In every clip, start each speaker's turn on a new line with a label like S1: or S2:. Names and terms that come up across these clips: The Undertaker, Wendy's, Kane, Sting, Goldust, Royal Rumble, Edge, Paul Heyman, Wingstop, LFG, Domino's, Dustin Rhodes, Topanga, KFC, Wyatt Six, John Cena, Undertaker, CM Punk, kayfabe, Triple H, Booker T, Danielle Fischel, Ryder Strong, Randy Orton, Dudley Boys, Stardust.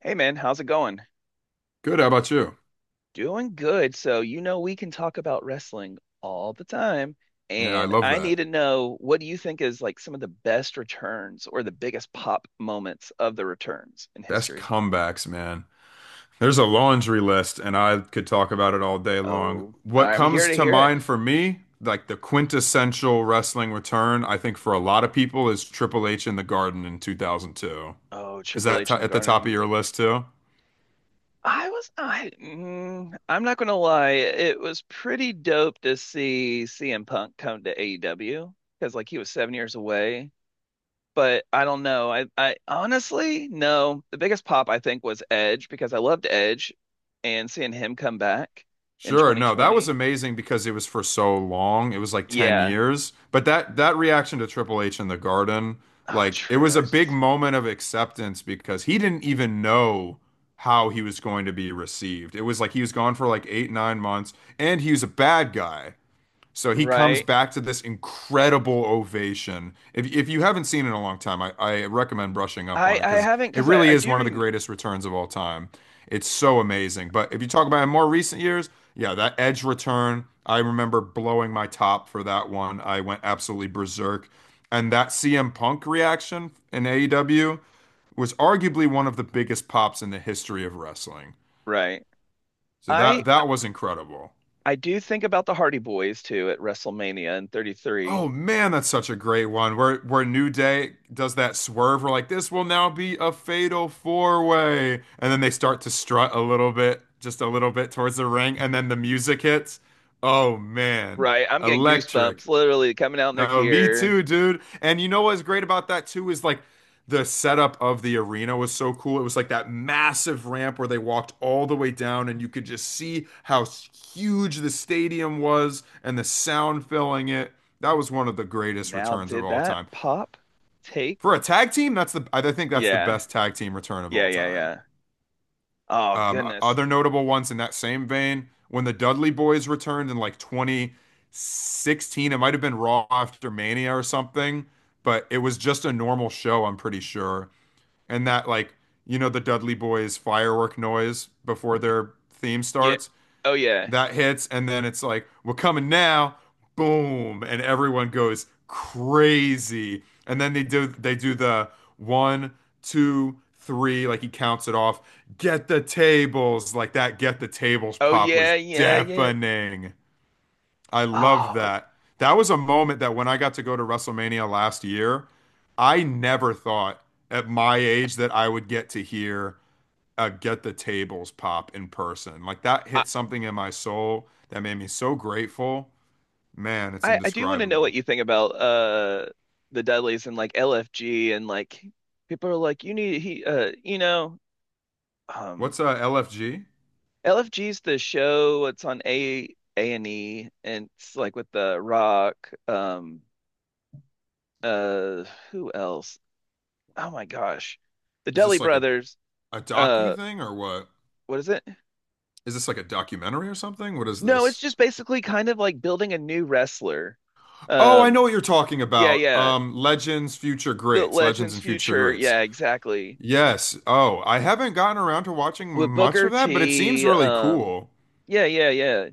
S1: Hey man, how's it going?
S2: Good. How about you?
S1: Doing good. So, you know, we can talk about wrestling all the time.
S2: Yeah, I
S1: And
S2: love
S1: I need
S2: that.
S1: to know, what do you think is like some of the best returns or the biggest pop moments of the returns in
S2: Best
S1: history?
S2: comebacks, man. There's a laundry list, and I could talk about it all day long.
S1: Oh,
S2: What
S1: I'm here
S2: comes
S1: to
S2: to
S1: hear it.
S2: mind for me, like the quintessential wrestling return, I think for a lot of people, is Triple H in the Garden in 2002.
S1: Oh,
S2: Is
S1: Triple
S2: that
S1: H in the
S2: at the top of
S1: Garden.
S2: your list too?
S1: I'm not gonna lie, it was pretty dope to see CM Punk come to AEW because like he was 7 years away. But I don't know. I honestly, no. The biggest pop I think was Edge, because I loved Edge and seeing him come back in
S2: Sure, no, that was
S1: 2020.
S2: amazing because it was for so long. It was like 10
S1: Yeah.
S2: years. But that reaction to Triple H in the Garden,
S1: Oh,
S2: like it was
S1: true.
S2: a
S1: I
S2: big
S1: just
S2: moment of acceptance because he didn't even know how he was going to be received. It was like he was gone for like 8, 9 months and he was a bad guy. So he comes
S1: right.
S2: back to this incredible ovation. If you haven't seen it in a long time, I recommend brushing up on
S1: I
S2: it
S1: I
S2: because
S1: haven't
S2: it
S1: because I
S2: really
S1: I
S2: is
S1: do
S2: one of the
S1: rem
S2: greatest returns of all time. It's so amazing. But if you talk about in more recent years, yeah, that Edge return, I remember blowing my top for that one. I went absolutely berserk. And that CM Punk reaction in AEW was arguably one of the biggest pops in the history of wrestling.
S1: right.
S2: So
S1: I
S2: that was incredible.
S1: I do think about the Hardy Boys too at WrestleMania in 33.
S2: Oh man, that's such a great one. Where New Day does that swerve, we're like, this will now be a fatal four way. And then they start to strut a little bit, just a little bit towards the ring, and then the music hits. Oh man,
S1: Right. I'm getting goosebumps
S2: electric.
S1: literally coming out in their
S2: No, me
S1: gear.
S2: too, dude. And you know what's great about that too is like the setup of the arena was so cool. It was like that massive ramp where they walked all the way down, and you could just see how huge the stadium was and the sound filling it. That was one of the greatest
S1: Now,
S2: returns of
S1: did
S2: all
S1: that
S2: time.
S1: pop take?
S2: For a tag team, that's the I think that's the
S1: Yeah.
S2: best tag team return of
S1: Yeah,
S2: all
S1: yeah,
S2: time.
S1: yeah. Oh, goodness.
S2: Other notable ones in that same vein, when the Dudley Boys returned in like 2016, it might have been Raw after Mania or something, but it was just a normal show, I'm pretty sure. And that, like, the Dudley Boys firework noise before their theme
S1: Yeah.
S2: starts
S1: Oh, yeah.
S2: that hits, and then it's like, we're coming now, boom, and everyone goes crazy. And then they do the one, two, three, like he counts it off. Get the tables, like that. Get the tables
S1: Oh
S2: pop
S1: yeah,
S2: was
S1: yeah, yeah.
S2: deafening. I loved
S1: Oh,
S2: that. That was a moment that when I got to go to WrestleMania last year, I never thought at my age that I would get to hear Get the Tables Pop in person. Like that
S1: I
S2: hit something in my soul that made me so grateful. Man, it's
S1: I do want to know what
S2: indescribable.
S1: you think about the Dudleys and like LFG and like people are like you need he um
S2: What's LFG?
S1: LFG's the show, it's on A and E, and it's like with the Rock, uh who else? Oh my gosh. The
S2: Is
S1: Dudley
S2: this like a,
S1: brothers.
S2: a docu
S1: Uh,
S2: thing or what?
S1: what is it?
S2: Is this like a documentary or something? What is
S1: No, it's
S2: this?
S1: just basically kind of like building a new wrestler.
S2: Oh, I know
S1: Um,
S2: what you're talking
S1: yeah,
S2: about.
S1: yeah.
S2: Legends, Future
S1: The
S2: Greats, Legends
S1: Legends
S2: and Future
S1: future.
S2: Greats.
S1: Yeah, exactly.
S2: Yes. Oh, I haven't gotten around to watching
S1: With
S2: much
S1: Booker
S2: of that, but it seems
S1: T.
S2: really cool.
S1: Yeah, yeah, yeah.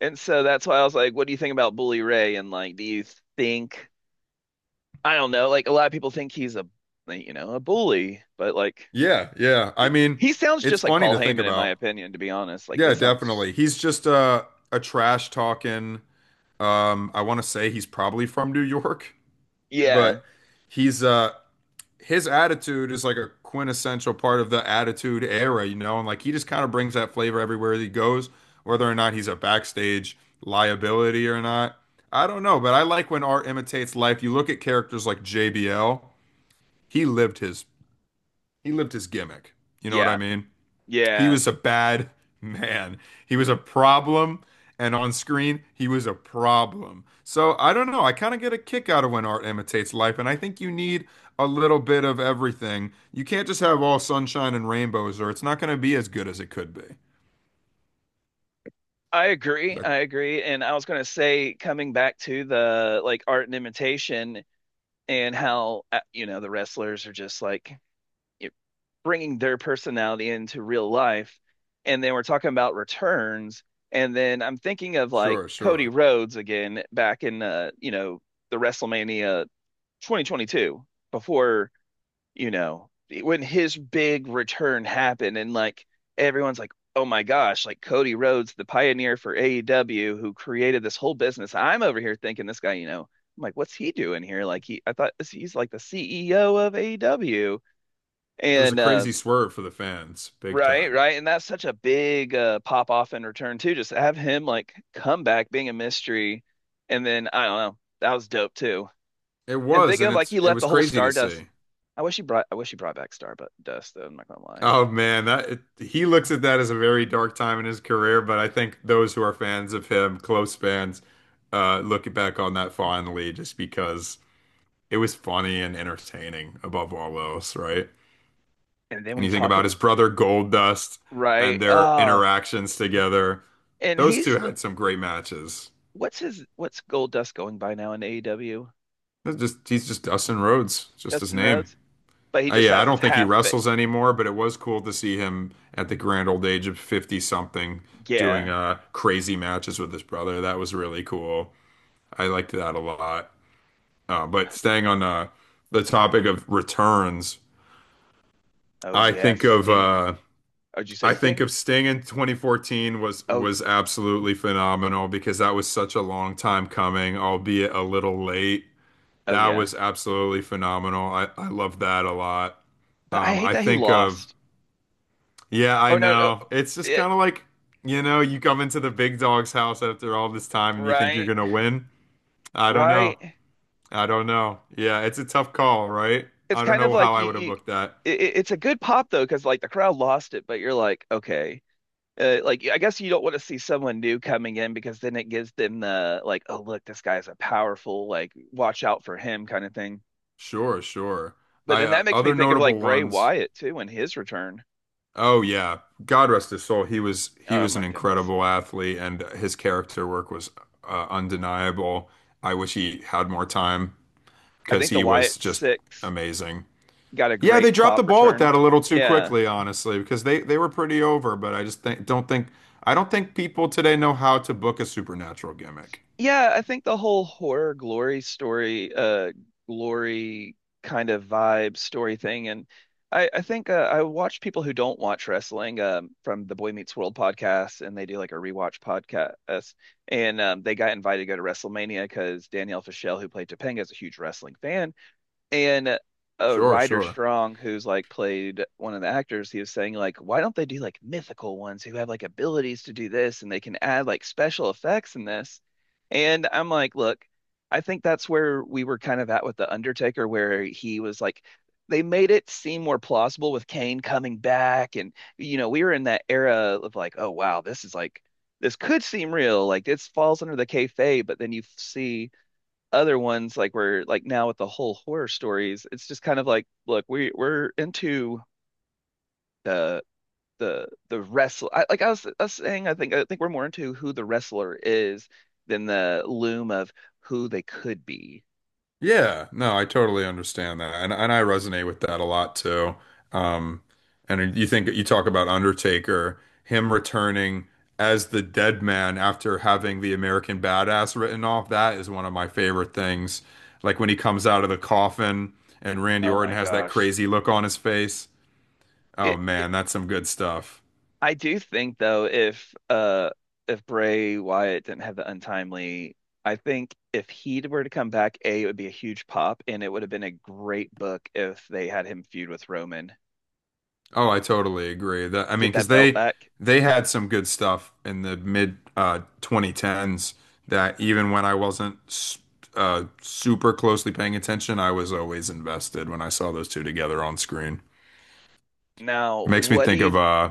S1: And so that's why I was like, what do you think about Bully Ray? And like, do you think, I don't know, like a lot of people think he's a, like, you know, a bully, but like,
S2: Yeah, yeah. I mean,
S1: he sounds
S2: it's
S1: just like
S2: funny
S1: Paul
S2: to think
S1: Heyman, in my
S2: about.
S1: opinion, to be honest. Like, they
S2: Yeah,
S1: sound,
S2: definitely. He's just a trash talking. I want to say he's probably from New York,
S1: yeah,
S2: but he's his attitude is like a quintessential part of the attitude era, and like he just kind of brings that flavor everywhere he goes, whether or not he's a backstage liability or not. I don't know, but I like when art imitates life. You look at characters like JBL, he lived his he lived his gimmick. You know what I
S1: yeah,
S2: mean? He
S1: yeah.
S2: was a bad man. He was a problem, and on screen, he was a problem. So I don't know. I kind of get a kick out of when art imitates life, and I think you need a little bit of everything. You can't just have all sunshine and rainbows, or it's not going to be as good as it could be.
S1: I agree.
S2: Like,
S1: I agree. And I was going to say, coming back to the like art and imitation, and how, you know, the wrestlers are just like bringing their personality into real life. And then we're talking about returns. And then I'm thinking of like
S2: sure,
S1: Cody
S2: sure.
S1: Rhodes again back in, you know, the WrestleMania 2022 before, you know, when his big return happened, and like everyone's like, "Oh my gosh, like Cody Rhodes, the pioneer for AEW who created this whole business." I'm over here thinking this guy, you know, I'm like, "What's he doing here?" Like he I thought he's like the CEO of AEW
S2: It was a
S1: and
S2: crazy swerve for the fans, big
S1: right,
S2: time.
S1: right. And that's such a big, pop off and return too. Just have him like come back being a mystery, and then I don't know. That was dope too.
S2: It
S1: And
S2: was,
S1: thinking
S2: and
S1: of like
S2: it's
S1: he
S2: it
S1: left
S2: was
S1: the whole
S2: crazy to
S1: Stardust.
S2: see.
S1: I wish he brought back Stardust though, I'm not gonna lie.
S2: Oh man, he looks at that as a very dark time in his career, but I think those who are fans of him, close fans, look back on that fondly just because it was funny and entertaining above all else, right?
S1: And then
S2: And
S1: we
S2: you think
S1: talk
S2: about
S1: ab-
S2: his brother Goldust
S1: Right.
S2: and their
S1: Uh,
S2: interactions together.
S1: and
S2: Those
S1: he's
S2: two
S1: still
S2: had some great matches.
S1: what's his, what's Gold Dust going by now in AEW?
S2: That's just he's just Dustin Rhodes, just his
S1: Dustin
S2: name.
S1: Rhodes? But he just
S2: Yeah, I
S1: has his
S2: don't think he wrestles anymore, but it was cool to see him at the grand old age of 50 something doing
S1: yeah.
S2: crazy matches with his brother. That was really cool. I liked that a lot. But staying on the topic of returns,
S1: Oh
S2: I
S1: yeah,
S2: think of
S1: Sting.
S2: uh
S1: Oh, did you say
S2: I think
S1: Sting?
S2: of Sting in 2014 was
S1: Oh,
S2: was absolutely phenomenal because that was such a long time coming, albeit a little late.
S1: oh
S2: That
S1: yeah.
S2: was absolutely phenomenal. I love that a lot.
S1: But I hate
S2: I
S1: that he
S2: think of
S1: lost.
S2: Yeah, I
S1: Oh no, no.
S2: know. It's just
S1: Yeah,
S2: kind of like, you come into the big dog's house after all this time and you think you're
S1: right,
S2: gonna win. I don't know.
S1: right.
S2: I don't know. Yeah, it's a tough call, right?
S1: It's
S2: I don't
S1: kind of
S2: know how
S1: like
S2: I
S1: you,
S2: would have booked that.
S1: it's a good pop though, because like the crowd lost it, but you're like, okay, like I guess you don't want to see someone new coming in, because then it gives them the like, oh look, this guy's a powerful, like watch out for him kind of thing.
S2: Sure, sure.
S1: But
S2: I
S1: then that makes me
S2: Other
S1: think of like
S2: notable
S1: Bray
S2: ones.
S1: Wyatt too and his return.
S2: Oh yeah. God rest his soul. He was he
S1: Oh
S2: was
S1: my
S2: an
S1: goodness,
S2: incredible athlete and his character work was undeniable. I wish he had more time
S1: I
S2: because
S1: think the
S2: he was
S1: Wyatt
S2: just
S1: Six
S2: amazing.
S1: got a
S2: Yeah, they
S1: great
S2: dropped the
S1: pop
S2: ball with that
S1: return.
S2: a little too
S1: Yeah.
S2: quickly, honestly, because they were pretty over, but I just think don't think I don't think people today know how to book a supernatural gimmick.
S1: Yeah, I think the whole horror glory story, glory kind of vibe story thing, and I think, I watch people who don't watch wrestling, from the Boy Meets World podcast, and they do like a rewatch podcast, and they got invited to go to WrestleMania because Danielle Fischel, who played Topanga, is a huge wrestling fan, and
S2: Sure,
S1: Ryder
S2: sure.
S1: Strong, who's like played one of the actors, he was saying like, why don't they do like mythical ones who have like abilities to do this and they can add like special effects in this? And I'm like, look, I think that's where we were kind of at with The Undertaker, where he was like, they made it seem more plausible with Kane coming back. And, you know, we were in that era of like, oh, wow, this is like, this could seem real. Like, this falls under the kayfabe, but then you see other ones like we're like now with the whole horror stories, it's just kind of like, look, we we're into the the wrestler. I was saying I think we're more into who the wrestler is than the loom of who they could be.
S2: Yeah, no, I totally understand that. And I resonate with that a lot too. Um and you talk about Undertaker, him returning as the dead man after having the American Badass written off, that is one of my favorite things. Like when he comes out of the coffin and Randy
S1: Oh
S2: Orton
S1: my
S2: has that
S1: gosh.
S2: crazy look on his face. Oh
S1: It
S2: man, that's some good stuff.
S1: I do think though, if uh, if Bray Wyatt didn't have the untimely, I think if he were to come back, A, it would be a huge pop, and it would have been a great book if they had him feud with Roman,
S2: Oh, I totally agree. That I mean,
S1: get that
S2: because
S1: belt
S2: they
S1: back.
S2: they had some good stuff in the mid 2010s that even when I wasn't super closely paying attention, I was always invested when I saw those two together on screen.
S1: Now,
S2: Makes me
S1: what do
S2: think
S1: you
S2: of
S1: Th-
S2: uh,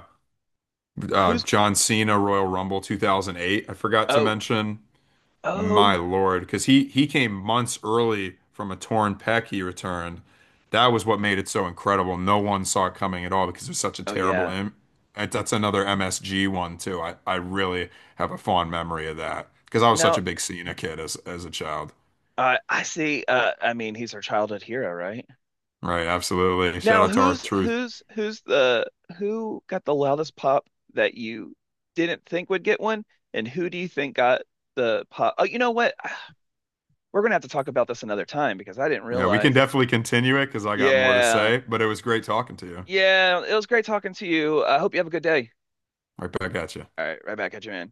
S2: uh,
S1: who's
S2: John Cena Royal Rumble 2008. I forgot to
S1: oh,
S2: mention My
S1: oh,
S2: lord, because he came months early from a torn pec he returned. That was what made it so incredible. No one saw it coming at all because it was such a
S1: oh
S2: terrible
S1: yeah.
S2: im That's another MSG one too. I really have a fond memory of that because I was such
S1: Now
S2: a big Cena kid as a child.
S1: I see. I mean, he's our childhood hero, right?
S2: Right, absolutely. Shout
S1: Now,
S2: out to our truth.
S1: who's the who got the loudest pop that you didn't think would get one, and who do you think got the pop? Oh, you know what? We're gonna have to talk about this another time because I didn't
S2: Yeah, we can
S1: realize.
S2: definitely continue it because I got more to
S1: Yeah,
S2: say, but it was great talking to you.
S1: yeah. It was great talking to you. I hope you have a good day.
S2: Right back at you.
S1: All right, right back at you, man.